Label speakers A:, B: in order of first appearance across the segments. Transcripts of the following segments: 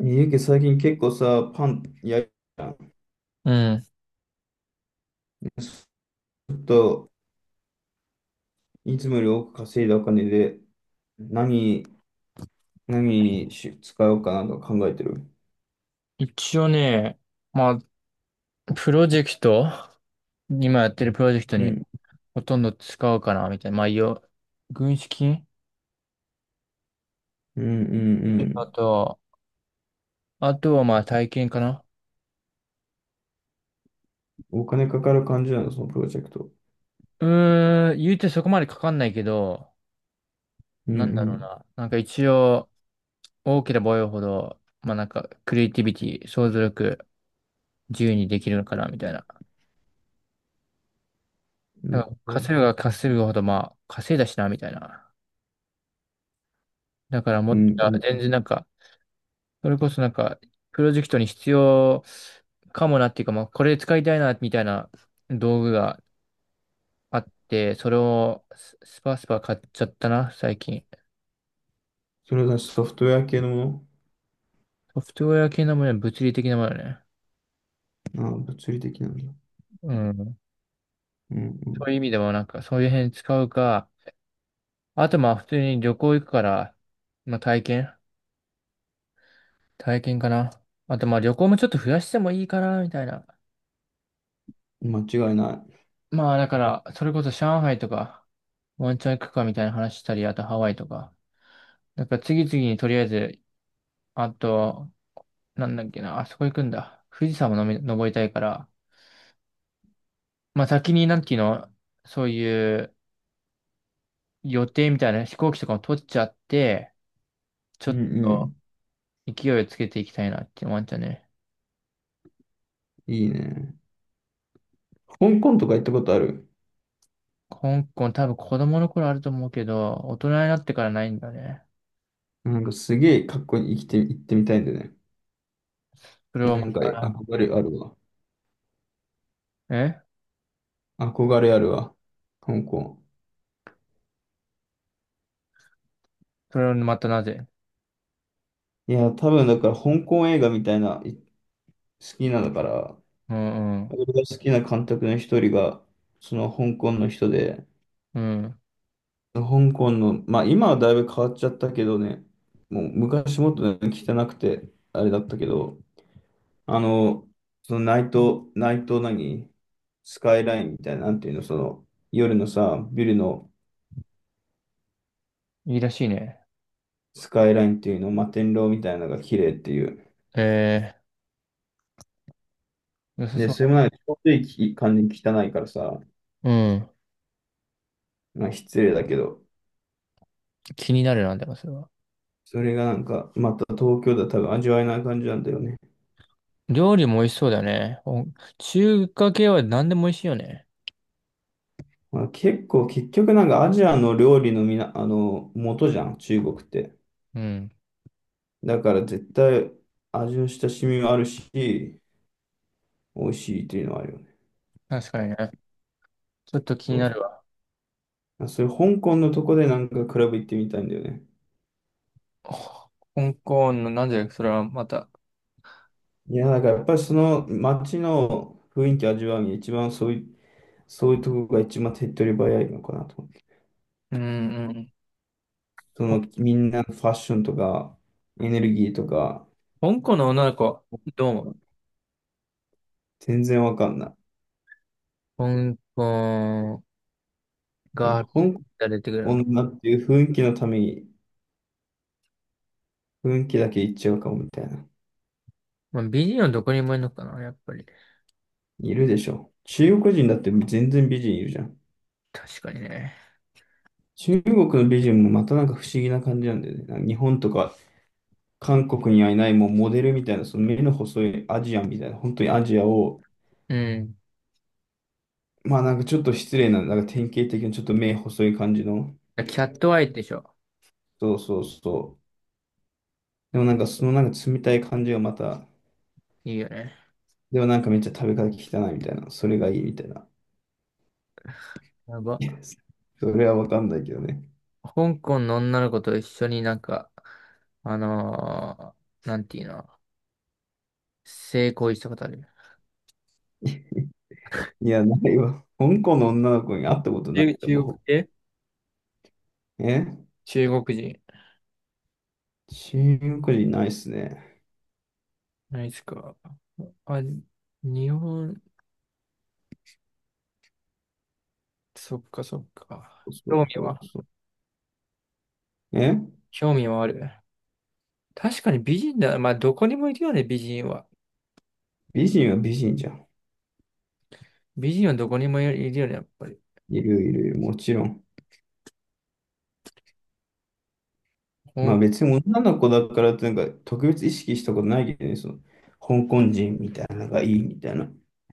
A: ゆうけ最近結構さ、パン焼いたん
B: うん。
A: ちょっと、いつもより多く稼いだお金で、何、何にし使おうかなと考えてる。
B: 一応ね、まあ、プロジェクト、今やってるプロジェクト
A: う
B: に
A: ん、
B: ほとんど使うかな、みたいな。軍資金、
A: うん、うん、う
B: あ
A: ん。
B: と、あとはまあ体験かな。
A: お金かかる感じなの、そのプロジェクト？
B: 言うてそこまでかかんないけど、
A: うん、う
B: なんだろう
A: ん。
B: な。一応、大きなボイいほど、クリエイティビティ、想像力、自由にできるのかな、みたいな。
A: な
B: なん
A: る
B: か
A: ほど。
B: 稼ぐが稼ぐほど、まあ、稼いだしな、みたいな。だからも
A: う
B: っと、
A: ん、う
B: 全
A: ん。
B: 然なんか、それこそなんか、プロジェクトに必要かもなっていうか、まあ、これ使いたいな、みたいな道具があって、それをススパスパ買っちゃったな、最近。
A: それだし、ソフトウェア系のも
B: ソフトウェア系のもの、物理的なものね。
A: のああ、物理的なんだ。
B: うん。
A: うん、
B: そういう意味でもなんか、そういう辺使うか、あとまあ、普通に旅行行くから、まあ、体験、体験かな。あとまあ、旅行もちょっと増やしてもいいかな、みたいな。
A: うん。間違いない。
B: まあ、だから、それこそ上海とか、ワンチャン行くかみたいな話したり、あとハワイとか。なんか次々にとりあえず、あと、なんだっけな、あそこ行くんだ。富士山ものみ登りたいから、まあ先になんていうの、そういう予定みたいな飛行機とかも取っちゃって、ちょ
A: うん、
B: っ
A: う
B: と
A: ん。
B: 勢いをつけていきたいなって思っちゃうね。
A: いいね。香港とか行ったことある？
B: 香港、多分子供の頃あると思うけど、大人になってからないんだね。
A: なんかすげえかっこいい生きて、行ってみたいんだよね。
B: それ
A: な
B: はま
A: んか
B: た、
A: 憧れあるわ。
B: え
A: 憧れあるわ。香港。
B: それはまたなぜ？
A: いや、多分だから香港映画みたいな、好きなのから、
B: うん、うん。
A: 俺が好きな監督の一人が、その香港の人で、
B: うん。
A: 香港の、まあ今はだいぶ変わっちゃったけどね、もう昔もっとね汚くて、あれだったけど、あの、そのナイト何スカイラインみたいな、なんていうの、その夜のさ、ビルの
B: いいらしいね。
A: スカイラインっていうの、摩天楼みたいなのが綺麗っていう。
B: えー、良さ
A: で、
B: そう
A: そ
B: だ
A: れもな
B: ね。
A: んかちょうどいい感じに汚いからさ、
B: うん。
A: まあ、失礼だけど、
B: 気になるなんだよ、それは。
A: それがなんか、また東京だと多分味わえない感じなんだよね。
B: 料理も美味しそうだよね。お、中華系は何でも美味しいよね。
A: まあ、結構、結局なんかアジアの料理のみな、あの、元じゃん、中国って。
B: うん。
A: だから絶対味の親しみもあるし、美味しいっていうのはあるよね。
B: 確かにね。ちょっと気に
A: そう。
B: なるわ。
A: そういう香港のとこでなんかクラブ行ってみたいんだよね。
B: ほ香港の、なんでそれはまた。
A: いや、だからやっぱりその街の雰囲気味わうに一番そういうとこが一番手っ取り早いのかなと思って。
B: うん、うん。
A: そ
B: ほ
A: のみんなのファッションとか、エネルギーとか、
B: 香港の女の子、どう思う？
A: 全然わかんない。
B: 香港
A: なんか
B: が
A: 香
B: 出てくるの。
A: 港だっていう雰囲気のために、雰囲気だけ言っちゃうかもみたいな。
B: まあ、美人はどこにもいるのかな、やっぱり。
A: いるでしょ。中国人だって全然美人いるじゃん。
B: 確かにね。
A: 中国の美人もまたなんか不思議な感じなんだよね。なんか日本とか韓国にはいないもうモデルみたいな、その目の細いアジアンみたいな、本当にアジアを、
B: うん。
A: まあなんかちょっと失礼な、なんか典型的なちょっと目細い感じの、
B: キャットアイでしょ。
A: そうそうそう。でもなんかそのなんか冷たい感じがまた、
B: いいよね。
A: でもなんかめっちゃ食べ方汚いみたいな、それがいいみたいな。
B: や
A: いや、
B: ば。
A: それはわかんないけどね。
B: 香港の女の子と一緒になんか、あのなんていうの、性行為したことある？
A: いや、ないわ。香港の女の子に
B: あ
A: 会ったことないと
B: 中国
A: 思
B: 系、
A: う。え、
B: 中国人。
A: 中国人ないっすね。
B: ないですか。あ、日本、そっかそっか。
A: そうそうそう。え、
B: 興味はある。確かに美人だ。まあ、どこにもいるよね、美人は。
A: 美人は美人じゃん。
B: 美人はどこにもいるよね、やっぱり。
A: いるいるいる、もちろん。
B: ほ
A: まあ
B: ん、
A: 別に女の子だからってなんか特別意識したことないけどね、その香港人みたいなのがいいみたいな。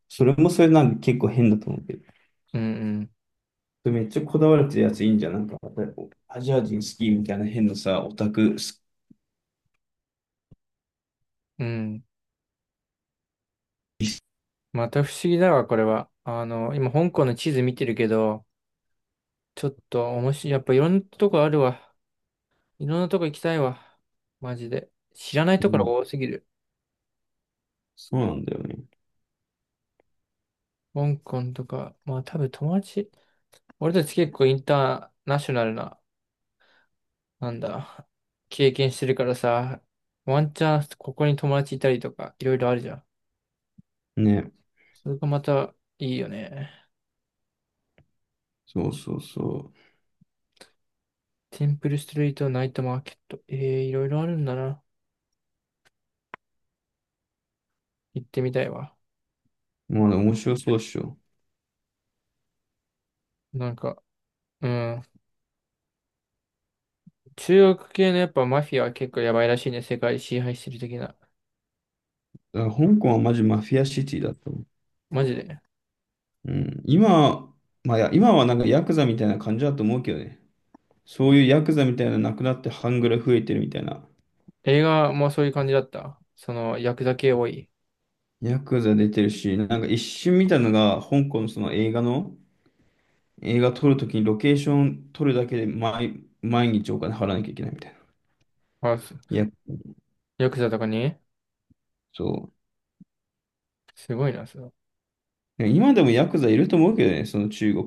A: それもそれなんか結構変だと思うけど。
B: うん、
A: それめっちゃこだわれてるやついいんじゃん。なんかアジア人好きみたいな変なさ、オタク好
B: うん。うん。
A: き。
B: また不思議だわ、これは。あの、今、香港の地図見てるけど、ちょっと面白い。やっぱいろんなとこあるわ。いろんなとこ行きたいわ。マジで。知らない
A: う
B: とこ
A: ん、
B: ろ多すぎる。
A: そうなんだよね。
B: 香港とか、まあ多分友達。俺たち結構インターナショナルな、なんだ、経験してるからさ、ワンチャンここに友達いたりとか、いろいろあるじゃん。
A: ね、
B: それがまたいいよね。
A: そうそうそ
B: テンプルストリート、ナイトマーケット。ええ、いろいろあるんだな。行ってみたいわ。
A: う。まあね、面白そうっしょ。
B: なんか、うん。中国系のやっぱマフィアは結構やばいらしいね。世界支配してる的な。
A: だから香港はマジマフィアシティだと思う。
B: マジで。
A: うん。まあ、いや今はなんかヤクザみたいな感じだと思うけどね。そういうヤクザみたいなのなくなって半グレ増えてるみたいな。
B: 映画もそういう感じだった。その、ヤクザ系多い。
A: ヤクザ出てるし、なんか一瞬見たのが香港のその映画の、映画撮るときにロケーション撮るだけで毎日お金払わなきゃいけないみたいな。
B: あ、す
A: いや、
B: ヤクザとかに、
A: そ
B: すごいな、その。
A: う。今でもヤクザいると思うけどね、その中国。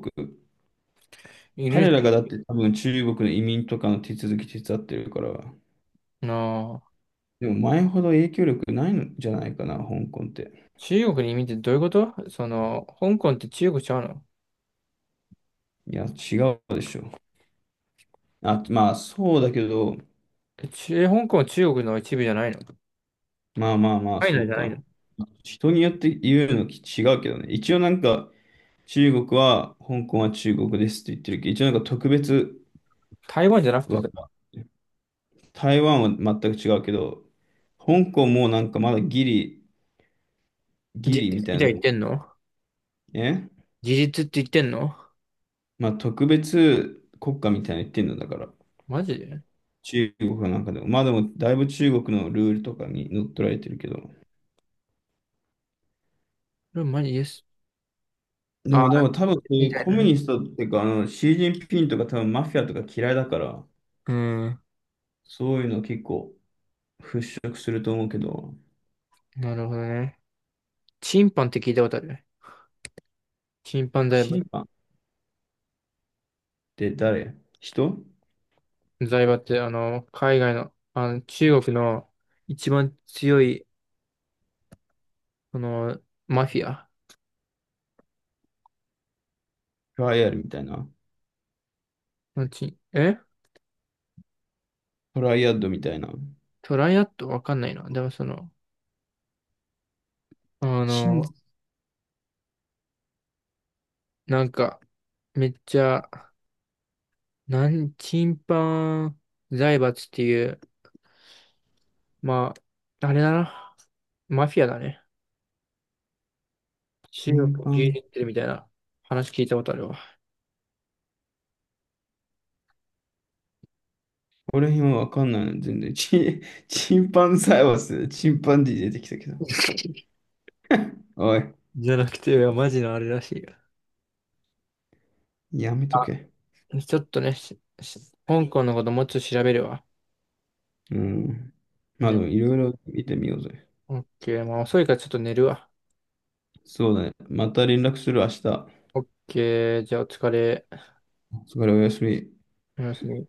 B: い
A: 彼
B: る
A: らがだって多分中国の移民とかの手続き手伝ってるから。
B: な、
A: でも前ほど影響力ないんじゃないかな、香港って。
B: 中国に移民ってどういうこと？その、香港って中国ちゃうの？
A: いや、違うでしょ。あ、まあそうだけど、
B: 香港は中国の一部じゃないの？タ
A: まあまあまあ
B: イ
A: そ
B: ナじ
A: う
B: ゃない
A: か。
B: の？
A: 人によって言うのき違うけどね。一応なんか中国は、香港は中国ですって言ってるけど、一応なんか特別
B: 台湾じゃなくてさ、
A: は、
B: それは
A: 台湾は全く違うけど、香港もなんかまだギリ、ギ
B: 事
A: リ
B: 実
A: みたい
B: み
A: な
B: たいに言っ
A: の、
B: てんの？
A: ね。
B: 事実って言ってんの？
A: まあ特別国家みたいなの言ってんのだから。
B: マジで？
A: 中国はなんかでも。まあでもだいぶ中国のルールとかに乗っ取られてるけど。
B: これマジです。
A: で
B: あー、
A: も、でも多分そうい
B: み
A: う
B: たい
A: コ
B: な
A: ミュ
B: ね。
A: ニストっていうか、あの、シー・ジンピンとか多分マフィアとか嫌いだから、
B: うん。
A: そういうの結構払拭すると思うけど、
B: なるほどね。チンパンって聞いたことある？チンパン財閥。
A: 審判って誰人
B: 財閥って、あの、海外の、あの、中国の一番強い、その、マフィア
A: トライアルみたいな。
B: のチン、え
A: トライアッドみたいな。
B: トライアットわかんないな。でもその、あ
A: 審、
B: の、なんか、めっちゃ、チンパン財閥っていう、まあ、あれだな。マフィアだね。中国
A: 審
B: を牛
A: 判
B: 耳ってるみたいな話聞いたことあるわ。
A: これ辺はわかんないの、全然。チンパンサイバス、チンパンディ出てきたけど。おい、
B: じゃなくて、マジのあれらしいよ。
A: やめと
B: あ、
A: け。
B: ちょっとね、香港のこともうちょっと調べるわ。
A: うん。まあで
B: で、
A: も、いろいろ見てみようぜ。
B: オッケー、まあ遅いからちょっと寝るわ。
A: そうだね。また連絡する、明日。
B: オッケー、じゃあお疲れ。
A: お疲れ、おやすみ。
B: おやすみ。